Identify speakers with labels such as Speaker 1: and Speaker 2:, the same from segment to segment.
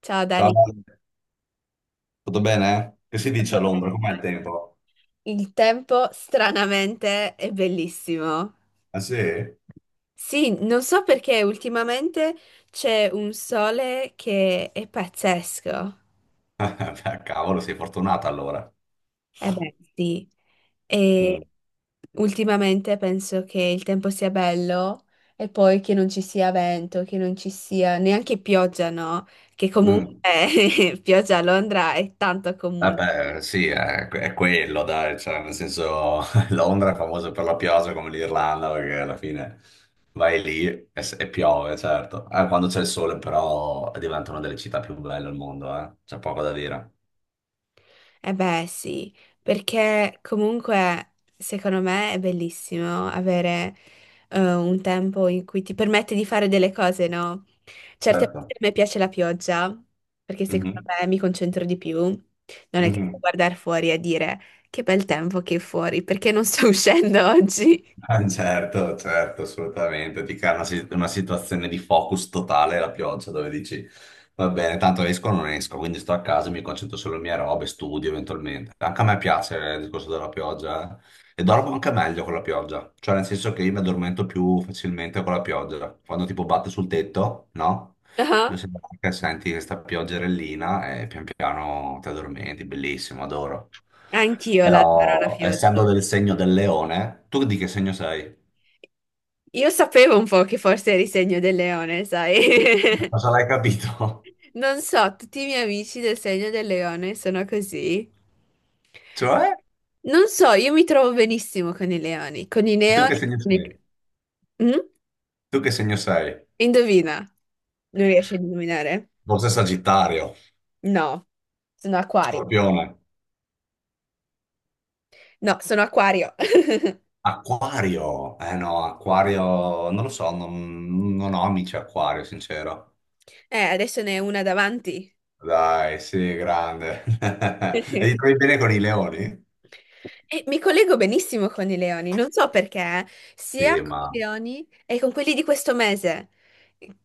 Speaker 1: Ciao
Speaker 2: Ciao,
Speaker 1: Dani,
Speaker 2: Vale. Tutto bene? Che si dice
Speaker 1: come
Speaker 2: all'ombra? Com'è il
Speaker 1: stai?
Speaker 2: tempo?
Speaker 1: Il tempo stranamente è bellissimo.
Speaker 2: Ah sì? Beh,
Speaker 1: Sì, non so perché ultimamente c'è un sole che è pazzesco.
Speaker 2: cavolo, sei fortunata allora.
Speaker 1: Eh beh, sì. E
Speaker 2: Mm.
Speaker 1: ultimamente penso che il tempo sia bello e poi che non ci sia vento, che non ci sia neanche pioggia, no? Che
Speaker 2: Mm.
Speaker 1: comunque pioggia a Londra è tanto comune.
Speaker 2: Vabbè, sì, è quello, dai, cioè, nel senso, Londra è famosa per la pioggia come l'Irlanda, perché alla fine vai lì e piove, certo. Quando c'è il sole, però, diventa una delle città più belle al mondo, eh. C'è poco da dire.
Speaker 1: Eh beh, sì, perché comunque secondo me è bellissimo avere un tempo in cui ti permette di fare delle cose, no? Certe volte
Speaker 2: Certo.
Speaker 1: a me piace la pioggia, perché secondo me mi concentro di più. Non è
Speaker 2: Mhm.
Speaker 1: che sto a
Speaker 2: Mhm.
Speaker 1: guardare fuori e dire che bel tempo che è fuori, perché non sto uscendo oggi.
Speaker 2: Ah, certo, certo, assolutamente. Ti crea una situazione di focus totale la pioggia dove dici va bene, tanto esco o non esco, quindi sto a casa, mi concentro sulle mie robe, studio eventualmente. Anche a me piace il discorso della pioggia. E dormo anche meglio con la pioggia, cioè nel senso che io mi addormento più facilmente con la pioggia. Quando tipo batte sul tetto, no? E
Speaker 1: Ah,
Speaker 2: se- che senti questa pioggerellina e pian piano ti addormenti, bellissimo, adoro.
Speaker 1: anch'io la darò la
Speaker 2: Però essendo
Speaker 1: pioggia.
Speaker 2: del segno del leone, tu di che segno sei?
Speaker 1: Io sapevo un po' che forse eri segno del leone, sai?
Speaker 2: Ma cosa l'hai capito?
Speaker 1: Non so, tutti i miei amici del segno del leone sono così.
Speaker 2: Cioè?
Speaker 1: Non so, io mi trovo benissimo con i leoni. Con i
Speaker 2: Tu
Speaker 1: leoni...
Speaker 2: che segno
Speaker 1: con i-
Speaker 2: sei?
Speaker 1: Mm?
Speaker 2: Tu che segno sei?
Speaker 1: Indovina. Non riesci a indovinare?
Speaker 2: Forse Sagittario,
Speaker 1: No, sono acquario.
Speaker 2: Scorpione,
Speaker 1: No, sono acquario.
Speaker 2: Acquario. Eh no, Acquario, non lo so, non ho amici Acquario, sincero.
Speaker 1: Adesso ne è una davanti.
Speaker 2: Dai, sì, grande. E ti trovi bene con i leoni?
Speaker 1: E mi collego benissimo con i leoni, non so perché, sia
Speaker 2: Sì,
Speaker 1: con
Speaker 2: ma
Speaker 1: i leoni e con quelli di questo mese. Che,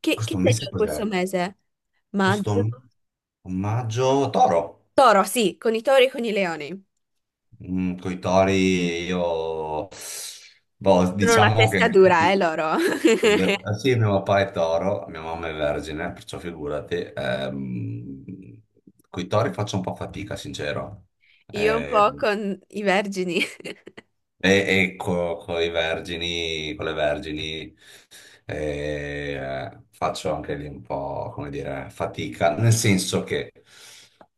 Speaker 1: che
Speaker 2: questo mese
Speaker 1: segno è
Speaker 2: cos'è?
Speaker 1: questo mese? Maggio?
Speaker 2: Questo maggio, Toro.
Speaker 1: Toro, sì, con i tori e con i leoni.
Speaker 2: Mm, coi tori io, boh,
Speaker 1: Sono una
Speaker 2: diciamo che
Speaker 1: testa dura, loro.
Speaker 2: sì, mio papà è toro, mia mamma è vergine, perciò figurati, coi tori faccio un po' fatica, sincero.
Speaker 1: Io un po'
Speaker 2: Ehm,
Speaker 1: con i vergini.
Speaker 2: e, ecco, con i vergini, con le vergini faccio anche lì un po', come dire, fatica, nel senso che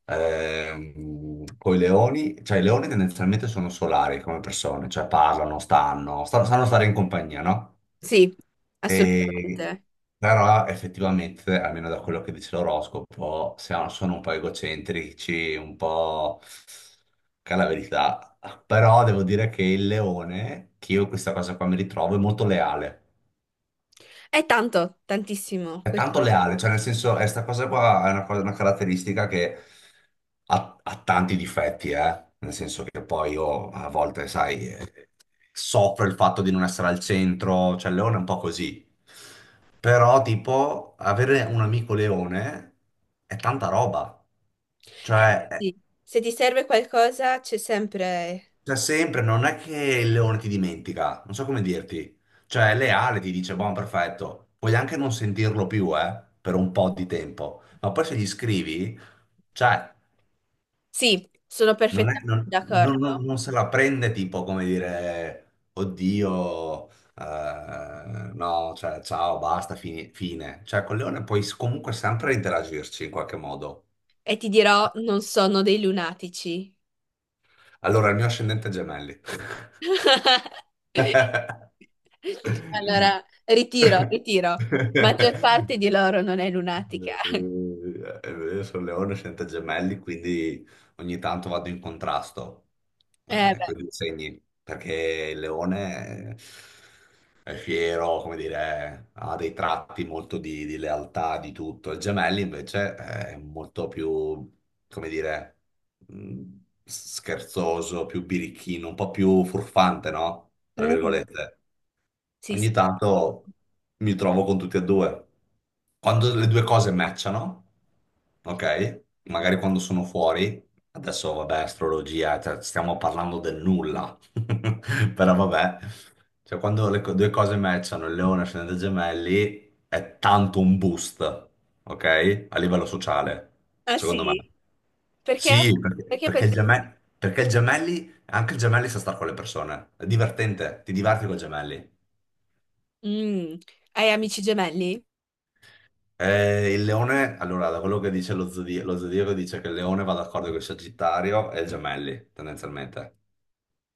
Speaker 2: con i leoni, cioè i leoni tendenzialmente sono solari come persone, cioè parlano, sanno stare in compagnia, no?
Speaker 1: Sì,
Speaker 2: E-
Speaker 1: assolutamente.
Speaker 2: Però effettivamente, almeno da quello che dice l'oroscopo, sono un po' egocentrici, un po' che è la verità. Però devo dire che il leone, che io in questa cosa qua mi ritrovo, è molto leale.
Speaker 1: È tanto, tantissimo.
Speaker 2: È
Speaker 1: Questo-
Speaker 2: tanto leale, cioè nel senso, è sta cosa qua è una caratteristica che ha tanti difetti, eh? Nel senso che poi io a volte, sai, soffro il fatto di non essere al centro, cioè Leone è un po' così. Però, tipo, avere un amico Leone è tanta roba.
Speaker 1: eh,
Speaker 2: Cioè,
Speaker 1: sì, se ti serve qualcosa c'è sempre...
Speaker 2: cioè, sempre, non è che il leone ti dimentica, non so come dirti. Cioè, è leale, ti dice, buon, perfetto. Puoi anche non sentirlo più, per un po' di tempo. Ma poi se gli scrivi, cioè,
Speaker 1: Sì, sono
Speaker 2: non è-
Speaker 1: perfettamente
Speaker 2: non- non- non-
Speaker 1: d'accordo.
Speaker 2: non se la prende tipo come dire, oddio, no, cioè, ciao, basta, fine. Cioè, col leone comunque sempre interagirci in qualche modo.
Speaker 1: E ti dirò, non sono dei lunatici.
Speaker 2: Allora, il mio ascendente è gemelli.
Speaker 1: Allora, ritiro, ritiro. Maggior parte di loro non è lunatica.
Speaker 2: Io sono leone, sento gemelli, quindi ogni tanto vado in contrasto
Speaker 1: Eh beh.
Speaker 2: con i segni, perché il leone è fiero, come dire, ha dei tratti molto di lealtà, di tutto. Il gemelli invece è molto più, come dire, mh, scherzoso, più birichino, un po' più furfante, no? Tra
Speaker 1: Mhm.
Speaker 2: virgolette.
Speaker 1: Sì, sì.
Speaker 2: Ogni tanto mi trovo con tutti e due. Quando le due cose matchano, ok? Magari quando sono fuori, adesso vabbè, astrologia, cioè, stiamo parlando del nulla, però vabbè, cioè quando due cose matchano, il leone ascende gemelli, è tanto un boost, ok? A livello sociale,
Speaker 1: Ah
Speaker 2: secondo me.
Speaker 1: sì? Perché?
Speaker 2: Sì,
Speaker 1: Perché
Speaker 2: perché
Speaker 1: pensi che...
Speaker 2: il gemelli, anche il gemelli sa stare con le persone, è divertente, ti diverti con i gemelli.
Speaker 1: Mm, hai amici gemelli?
Speaker 2: Il leone, allora, da quello che dice lo zodiaco, dice che il leone va d'accordo con il Sagittario e i gemelli, tendenzialmente.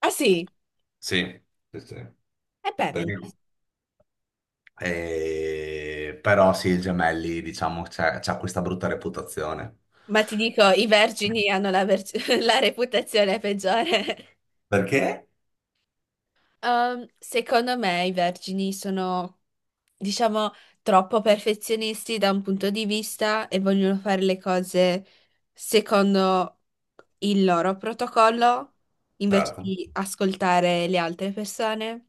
Speaker 1: Ah sì?
Speaker 2: Sì, sì, sì.
Speaker 1: E beh,
Speaker 2: Perché-
Speaker 1: benissimo.
Speaker 2: Però sì, i gemelli, diciamo, c'ha questa brutta reputazione.
Speaker 1: Ma ti dico, i vergini hanno la, ver- la reputazione peggiore.
Speaker 2: Perché?
Speaker 1: Secondo me i vergini sono, diciamo, troppo perfezionisti da un punto di vista e vogliono fare le cose secondo il loro protocollo invece
Speaker 2: Certo.
Speaker 1: di ascoltare le altre persone.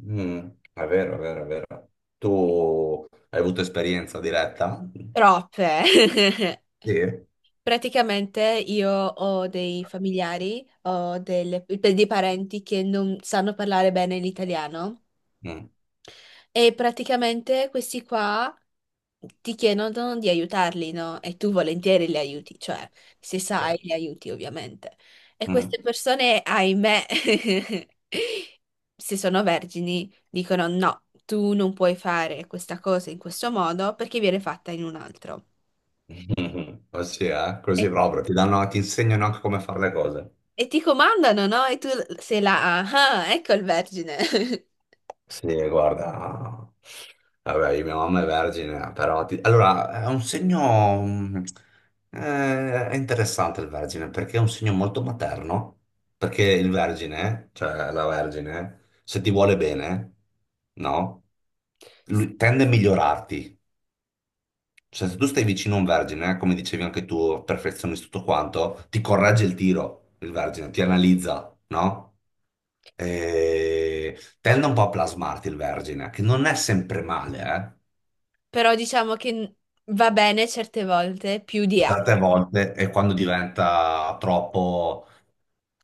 Speaker 2: Mm, è vero, è vero, è vero. Tu hai avuto esperienza diretta?
Speaker 1: Troppe.
Speaker 2: Sì.
Speaker 1: Praticamente io ho dei familiari, ho dei parenti che non sanno parlare bene l'italiano
Speaker 2: Mm,
Speaker 1: e praticamente questi qua ti chiedono di aiutarli, no? E tu volentieri li aiuti, cioè se
Speaker 2: cioè,
Speaker 1: sai li aiuti ovviamente. E
Speaker 2: mm.
Speaker 1: queste persone, ahimè, se sono vergini, dicono no, tu non puoi fare questa cosa in questo modo perché viene fatta in un altro.
Speaker 2: Ossia, eh? Così proprio, ti danno, ti insegnano anche come fare le cose.
Speaker 1: E ti comandano, no? E tu sei là, ah, ah, ecco il vergine.
Speaker 2: Sì, guarda, vabbè, mia mamma è vergine, allora è un segno è interessante il vergine perché è un segno molto materno, perché il vergine, cioè la vergine, se ti vuole bene, no? Lui tende a migliorarti. Cioè, se tu stai vicino a un vergine, come dicevi anche tu, perfezionisti tutto quanto, ti corregge il tiro, il vergine, ti analizza, no? E tende un po' a plasmarti il vergine, che non è sempre male, eh?
Speaker 1: Però diciamo che va bene certe volte più di altre.
Speaker 2: Certe volte, e quando diventa troppo...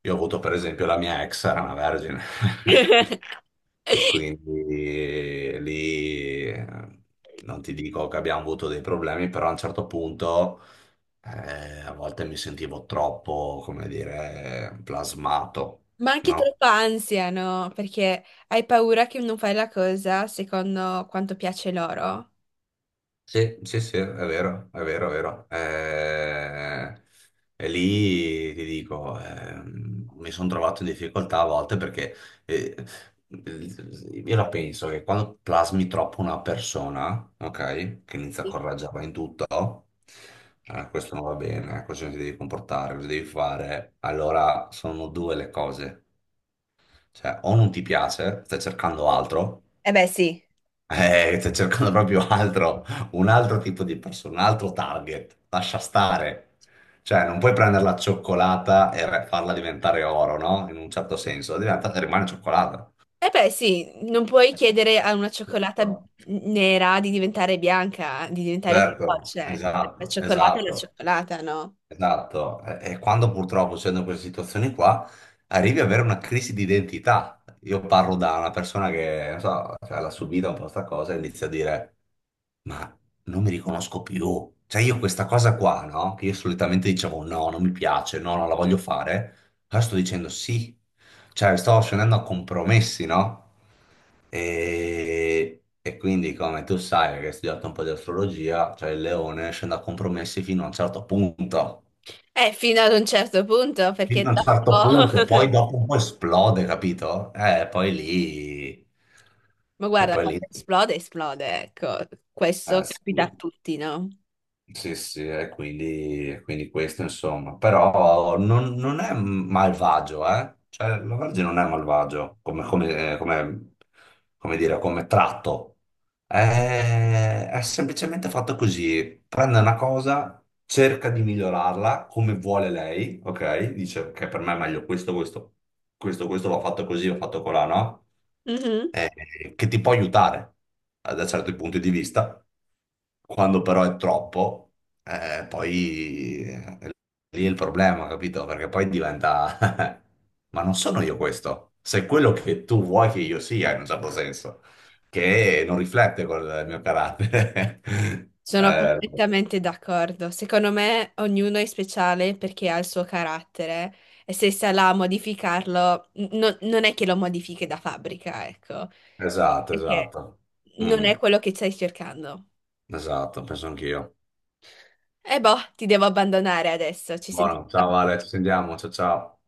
Speaker 2: Io ho avuto per esempio la mia ex, era una vergine. E quindi lì non ti dico che abbiamo avuto dei problemi, però a un certo punto a volte mi sentivo troppo, come dire, plasmato,
Speaker 1: Ma anche
Speaker 2: no?
Speaker 1: troppa ansia, no? Perché hai paura che non fai la cosa secondo quanto piace loro.
Speaker 2: Sì, sì, sì, è vero, è vero, è vero. E lì ti dico, mi sono trovato in difficoltà a volte perché eh, io la penso che quando plasmi troppo una persona, ok, che inizia a
Speaker 1: Sì.
Speaker 2: coraggiarla in tutto, questo non va bene, così non ti devi comportare, così devi fare, allora sono due le cose. Cioè, o non ti piace, stai cercando altro,
Speaker 1: Eh beh, sì.
Speaker 2: sto cercando proprio altro, un altro tipo di persona, un altro target. Lascia stare. Cioè, non puoi prendere la cioccolata e farla diventare oro, no? In un certo senso, diventa, rimane cioccolata.
Speaker 1: Eh beh, sì, non puoi chiedere a una cioccolata nera di diventare bianca, di diventare
Speaker 2: Certo,
Speaker 1: feroce. La
Speaker 2: esatto,
Speaker 1: cioccolata è la
Speaker 2: esatto.
Speaker 1: cioccolata, no?
Speaker 2: Esatto, e quando purtroppo c'è in queste situazioni qua, arrivi ad avere una crisi di identità. Io parlo da una persona che, non so, cioè, l'ha subita un po' sta cosa e inizia a dire, ma non mi riconosco più. Cioè io questa cosa qua, no? Che io solitamente dicevo no, non mi piace, no, non la voglio fare, ora sto dicendo sì. Cioè sto scendendo a compromessi, no? E quindi, come tu sai, che hai studiato un po' di astrologia, cioè il leone scende a compromessi fino a un certo punto
Speaker 1: Fino ad un certo punto,
Speaker 2: fino
Speaker 1: perché
Speaker 2: a un certo punto,
Speaker 1: dopo...
Speaker 2: poi dopo un po' esplode, capito? Poi lì...
Speaker 1: Ma
Speaker 2: E
Speaker 1: guarda,
Speaker 2: poi
Speaker 1: quando
Speaker 2: lì...
Speaker 1: esplode, esplode, ecco. Questo capita
Speaker 2: sì.
Speaker 1: a tutti, no?
Speaker 2: Sì, sì, e quindi questo insomma, però non è malvagio, eh? Cioè, la Vergine non è malvagio come dire, come tratto, è semplicemente fatto così, prende una cosa, cerca di migliorarla come vuole lei, ok? Dice che per me è meglio questo, questo l'ho fatto così, l'ho fatto colà, no?
Speaker 1: Mhm.
Speaker 2: Che ti può aiutare da certi punti di vista, quando però è troppo, poi lì è il problema, capito? Perché poi diventa, ma non sono io questo, sei quello che tu vuoi che io sia in un certo senso, che non riflette col mio carattere.
Speaker 1: Sono
Speaker 2: Eh,
Speaker 1: perfettamente d'accordo. Secondo me ognuno è speciale perché ha il suo carattere e se sarà a modificarlo, non è che lo modifichi da fabbrica, ecco.
Speaker 2: esatto,
Speaker 1: Perché?
Speaker 2: esatto.
Speaker 1: Non
Speaker 2: Mm,
Speaker 1: è quello che stai cercando.
Speaker 2: esatto, penso anch'io.
Speaker 1: E boh, ti devo abbandonare adesso, ci
Speaker 2: Buono, ciao
Speaker 1: sentiamo.
Speaker 2: Vale, ci sentiamo, ciao ciao.